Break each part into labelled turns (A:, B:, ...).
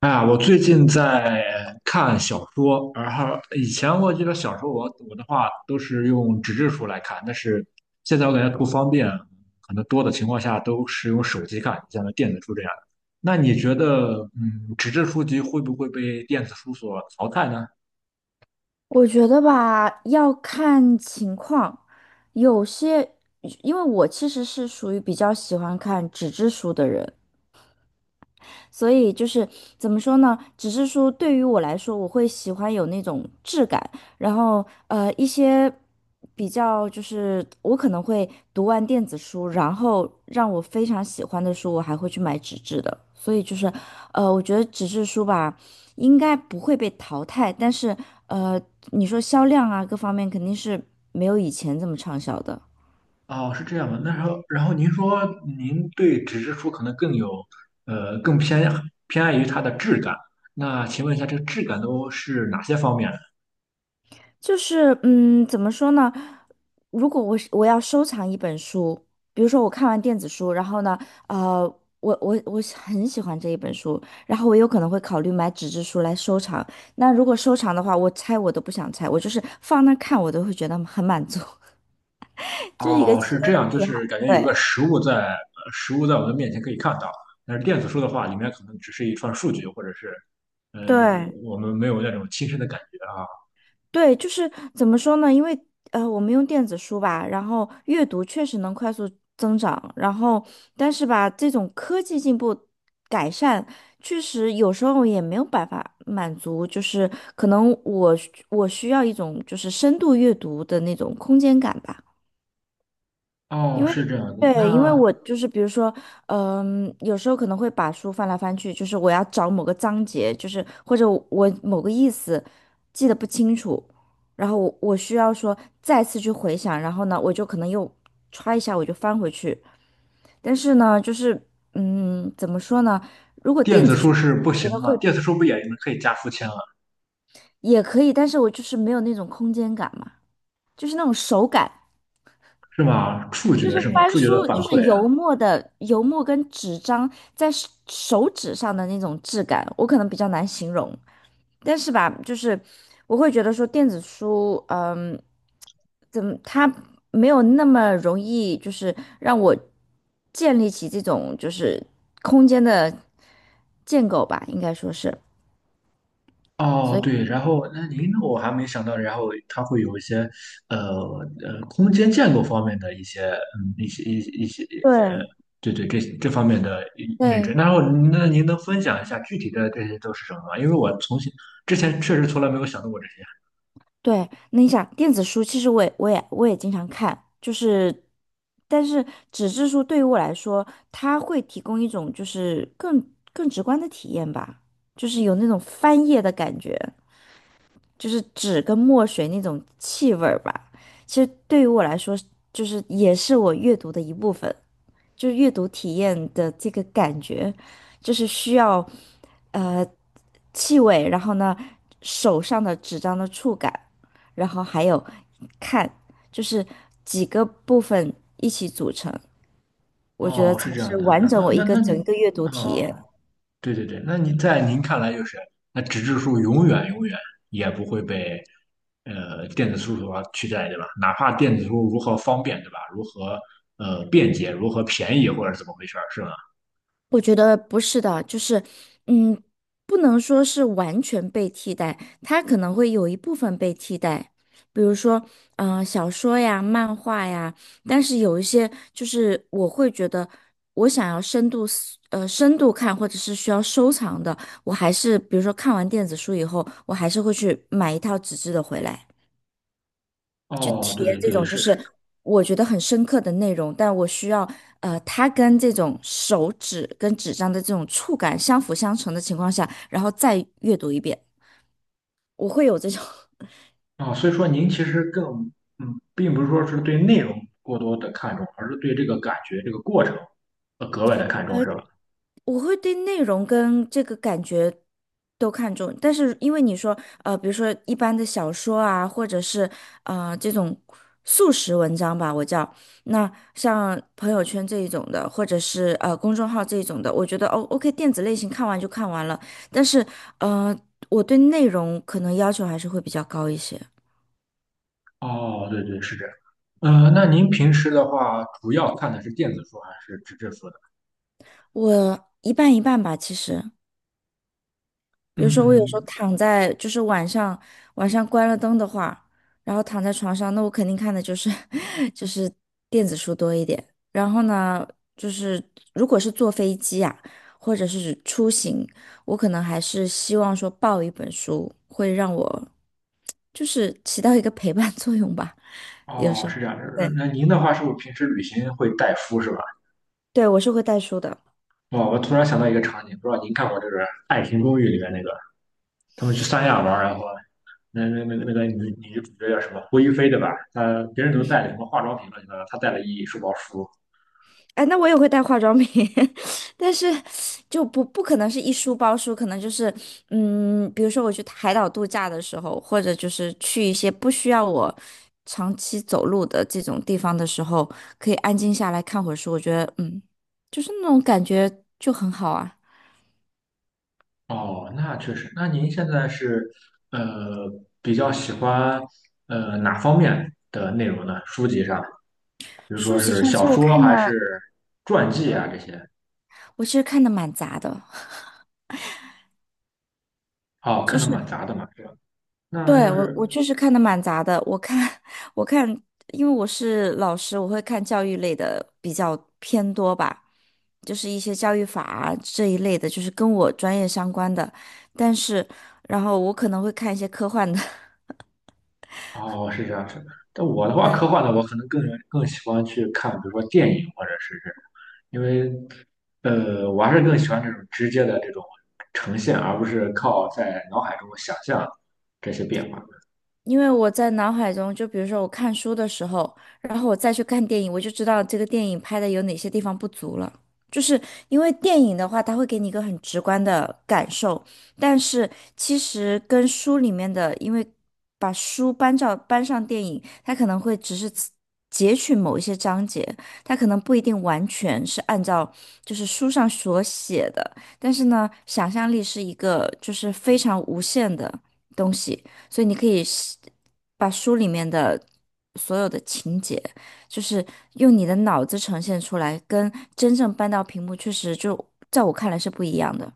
A: 啊，我最近在看小说，然后以前我记得小说我的话都是用纸质书来看，但是现在我感觉不方便，可能多的情况下都是用手机看，像电子书这样的。那你觉得，纸质书籍会不会被电子书所淘汰呢？
B: 我觉得吧，要看情况，有些，因为我其实是属于比较喜欢看纸质书的人，所以就是怎么说呢？只是说对于我来说，我会喜欢有那种质感，然后一些比较就是我可能会读完电子书，然后让我非常喜欢的书，我还会去买纸质的。所以就是我觉得纸质书吧，应该不会被淘汰，但是呃，你说销量啊各方面肯定是没有以前这么畅销的。
A: 哦，是这样的。那时候，然后您说您对纸质书可能更有，更偏爱于它的质感。那请问一下，这个质感都是哪些方面？
B: 就是，嗯，怎么说呢？如果我要收藏一本书，比如说我看完电子书，然后呢，呃，我是很喜欢这一本书，然后我有可能会考虑买纸质书来收藏。那如果收藏的话，我拆我都不想拆，我就是放那看，我都会觉得很满足，就是一个
A: 哦，是
B: 奇怪
A: 这
B: 的
A: 样，就
B: 癖
A: 是
B: 好。
A: 感觉有个
B: 对
A: 实物在，实物在我们面前可以看到，但是电子书的话，里面可能只是一串数据，或者是，是
B: 对，
A: 我们没有那种亲身的感觉啊。
B: 对，就是怎么说呢？因为我们用电子书吧，然后阅读确实能快速增长，然后但是吧，这种科技进步改善，确实有时候也没有办法满足，就是可能我需要一种就是深度阅读的那种空间感吧。
A: 哦，
B: 因为
A: 是这样的，
B: 对，因为
A: 那
B: 我就是比如说，嗯、有时候可能会把书翻来翻去，就是我要找某个章节，就是或者我某个意思记得不清楚，然后我需要说再次去回想，然后呢，我就可能又歘一下我就翻回去，但是呢，就是嗯，怎么说呢？
A: 电子书是不
B: 觉
A: 行
B: 得
A: 的吗？
B: 会
A: 电子书不也可以加书签了，
B: 也可以，但是我就是没有那种空间感嘛，就是那种手感。
A: 是吗？触
B: 就
A: 觉
B: 是
A: 是吗？
B: 翻
A: 触觉的
B: 书，
A: 反
B: 就是
A: 馈。
B: 油墨的油墨跟纸张在手指上的那种质感，我可能比较难形容。但是吧，就是我会觉得说电子书，嗯，怎么它没有那么容易，就是让我建立起这种就是空间的建构吧，应该说是。所
A: 哦，
B: 以
A: 对，然后那您我还没想到，然后它会有一些呃空间建构方面的一些一些呃，
B: 对
A: 对对，这方面的认知。
B: 对，
A: 然后那您能分享一下具体的这些都是什么吗？因为我之前确实从来没有想到过这些。
B: 对，那你想电子书，其实我也经常看，就是，但是纸质书对于我来说，它会提供一种就是更直观的体验吧，就是有那种翻页的感觉，就是纸跟墨水那种气味儿吧。其实对于我来说，就是也是我阅读的一部分。就阅读体验的这个感觉，就是需要呃气味，然后呢手上的纸张的触感，然后还有看，就是几个部分一起组成，我觉得
A: 哦，
B: 才
A: 是这样
B: 是
A: 的，
B: 完整
A: 那
B: 我一
A: 那
B: 个
A: 那
B: 整
A: 你
B: 个阅读体验。
A: 哦。对对对，那你在您看来就是，那纸质书永远永远也不会被电子书所取代，对吧？哪怕电子书如何方便，对吧？如何便捷，如何便宜，或者怎么回事儿，是吧？
B: 我觉得不是的，就是，嗯，不能说是完全被替代，它可能会有一部分被替代，比如说，嗯、小说呀、漫画呀，但是有一些就是我会觉得，我想要深度看或者是需要收藏的，我还是比如说看完电子书以后，我还是会去买一套纸质的回来。去
A: 哦，
B: 贴
A: 对
B: 这
A: 对
B: 种就
A: 是是。
B: 是我觉得很深刻的内容，但我需要它跟这种手指跟纸张的这种触感相辅相成的情况下，然后再阅读一遍，我会有这种。
A: 啊，所以说您其实更并不是说是对内容过多的看重，而是对这个感觉、这个过程格外的看重，是吧？
B: 我会对内容跟这个感觉都看重，但是因为你说，比如说一般的小说啊，或者是这种速食文章吧，我叫那像朋友圈这一种的，或者是公众号这一种的，我觉得哦，OK，电子类型看完就看完了，但是呃，我对内容可能要求还是会比较高一些，
A: 哦，对对，是这样。那您平时的话，主要看的是电子书还是纸质书呢？
B: 我一半一半吧，其实。比如说，我有时候
A: 嗯，
B: 躺在，就是晚上晚上关了灯的话，然后躺在床上，那我肯定看的就是 就是电子书多一点。然后呢，就是如果是坐飞机啊，或者是出行，我可能还是希望说抱一本书，会让我就是起到一个陪伴作用吧。有
A: 哦，
B: 时候，
A: 是这样。
B: 对
A: 那您的话是不是平时旅行会带书是吧？
B: 对，我是会带书的。
A: 哦，我突然想到一个场景，不知道您看过这个《爱情公寓》里面那个，他们去三亚玩儿然后那个女主角叫什么胡一菲对吧？她别人都带了什么化妆品乱七八糟，她带了一书包书。
B: 哎，那我也会带化妆品，但是就不可能是一书包书，可能就是嗯，比如说我去海岛度假的时候，或者就是去一些不需要我长期走路的这种地方的时候，可以安静下来看会儿书，我觉得嗯，就是那种感觉就很好啊。
A: 哦，那确实。那您现在是呃比较喜欢哪方面的内容呢？书籍上，比如说
B: 书籍
A: 是
B: 上其
A: 小
B: 实我
A: 说
B: 看的，
A: 还是传记啊这些？
B: 我其实看的蛮杂的。
A: 哦，
B: 就
A: 看的
B: 是。
A: 蛮杂的嘛，对吧？那
B: 对，
A: 就
B: 我
A: 是
B: 我确实看的蛮杂的，我看 我看，因为我是老师，我会看教育类的比较偏多吧，就是一些教育法啊这一类的，就是跟我专业相关的。但是，然后我可能会看一些科幻的，
A: 哦，是这样子。但我的 话，科
B: 对，
A: 幻的我可能更喜欢去看，比如说电影或者是这种，因为我还是更喜欢这种直接的这种呈现，而不是靠在脑海中想象这些变化。
B: 因为我在脑海中，就比如说我看书的时候，然后我再去看电影，我就知道这个电影拍的有哪些地方不足了。就是因为电影的话，它会给你一个很直观的感受，但是其实跟书里面的，因为把书搬照搬上电影，它可能会只是截取某一些章节，它可能不一定完全是按照就是书上所写的，但是呢，想象力是一个就是非常无限的东西。所以你可以是把书里面的所有的情节，就是用你的脑子呈现出来，跟真正搬到屏幕，确实就在我看来是不一样的。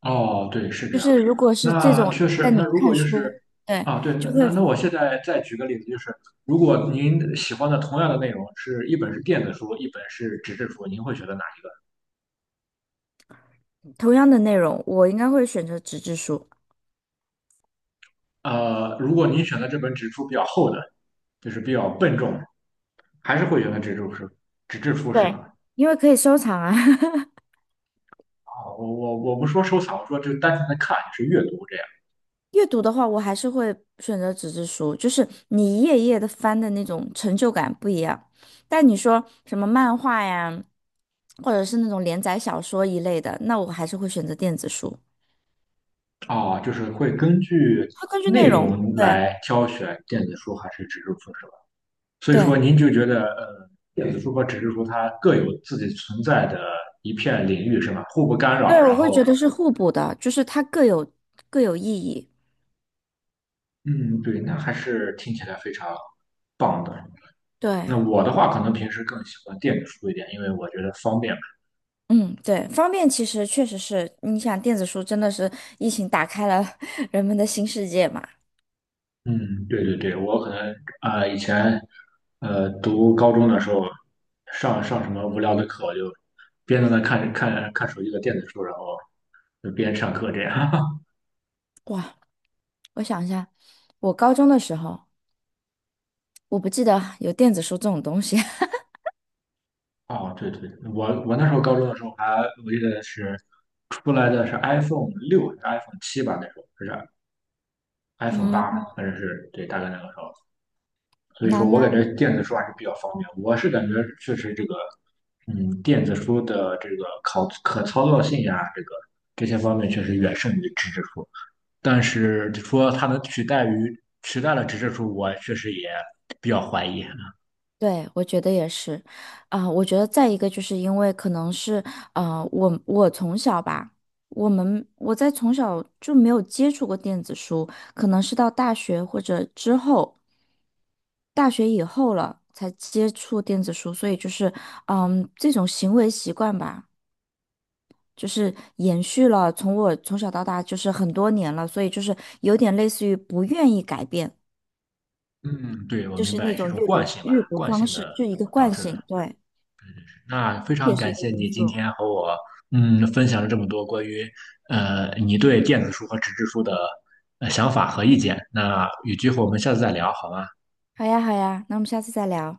A: 哦，对，是这
B: 就
A: 样。
B: 是如果是这
A: 那
B: 种，
A: 确
B: 在
A: 实，
B: 你
A: 那如果
B: 看
A: 就
B: 书，
A: 是
B: 对，
A: 啊，对，那
B: 就
A: 那
B: 会
A: 那我现在再举个例子，就是如果您喜欢的同样的内容是一本是电子书，一本是纸质书，您会选择哪一
B: 同样的内容，我应该会选择纸质书，
A: 个如果您选择这本纸质书比较厚的，就是比较笨重，还是会觉得纸质书是
B: 对，
A: 吧？
B: 因为可以收藏啊。
A: 啊，我不说收藏，我说就单纯的看，是阅读这样。
B: 阅读的话，我还是会选择纸质书，就是你一页一页的翻的那种成就感不一样。但你说什么漫画呀，或者是那种连载小说一类的，那我还是会选择电子书。
A: 哦，就是会根据
B: 它根据内
A: 内
B: 容，
A: 容
B: 对
A: 来挑选电子书还是纸质书是吧？所以说
B: 对
A: 您就觉得电子书和纸质书它各有自己存在的一片领域是吧？互不干扰，
B: 对，我
A: 然
B: 会觉
A: 后
B: 得是互补的，就是它各有各有意义。
A: 嗯，对，那还是听起来非常棒的。
B: 对，
A: 那我的话，可能平时更喜欢电子书一点，因为我觉得方便。
B: 嗯，对，方便其实确实是，你想电子书真的是疫情打开了 人们的新世界嘛？
A: 嗯，对对对，我可能啊、以前读高中的时候，上什么无聊的课，我就边在那看手机的电子书，然后就边上课这样。
B: 哇，我想一下，我高中的时候。我不记得有电子书这种东西。
A: 哦，对对，我那时候高中的时候还我记得是出来的是 iPhone 6还是 iPhone 7吧，那时候还是 iPhone
B: 嗯，
A: 八，反正是对，大概那个时候。所以
B: 那
A: 说我
B: 那
A: 感觉电子书还是比较方便。我是感觉确实这个，电子书的这个可操作性呀、这个这些方面确实远胜于纸质书。但是就说它能取代了纸质书，我确实也比较怀疑。
B: 对，我觉得也是，啊、我觉得再一个就是因为可能是，我从小吧，我们我在从小就没有接触过电子书，可能是到大学或者之后，大学以后了才接触电子书，所以就是，嗯，这种行为习惯吧，就是延续了从我从小到大就是很多年了，所以就是有点类似于不愿意改变。
A: 嗯，对，我
B: 就
A: 明
B: 是那
A: 白是一
B: 种
A: 种
B: 阅
A: 惯
B: 读
A: 性吧，
B: 阅读
A: 惯
B: 方
A: 性
B: 式，
A: 的
B: 就一个
A: 导
B: 惯
A: 致的。
B: 性，对，
A: 那非
B: 也
A: 常
B: 是一
A: 感
B: 个
A: 谢
B: 因
A: 你今
B: 素。
A: 天和我分享了这么多关于你对电子书和纸质书的想法和意见。那有机会我们下次再聊，好吗？
B: 好呀，好呀，那我们下次再聊。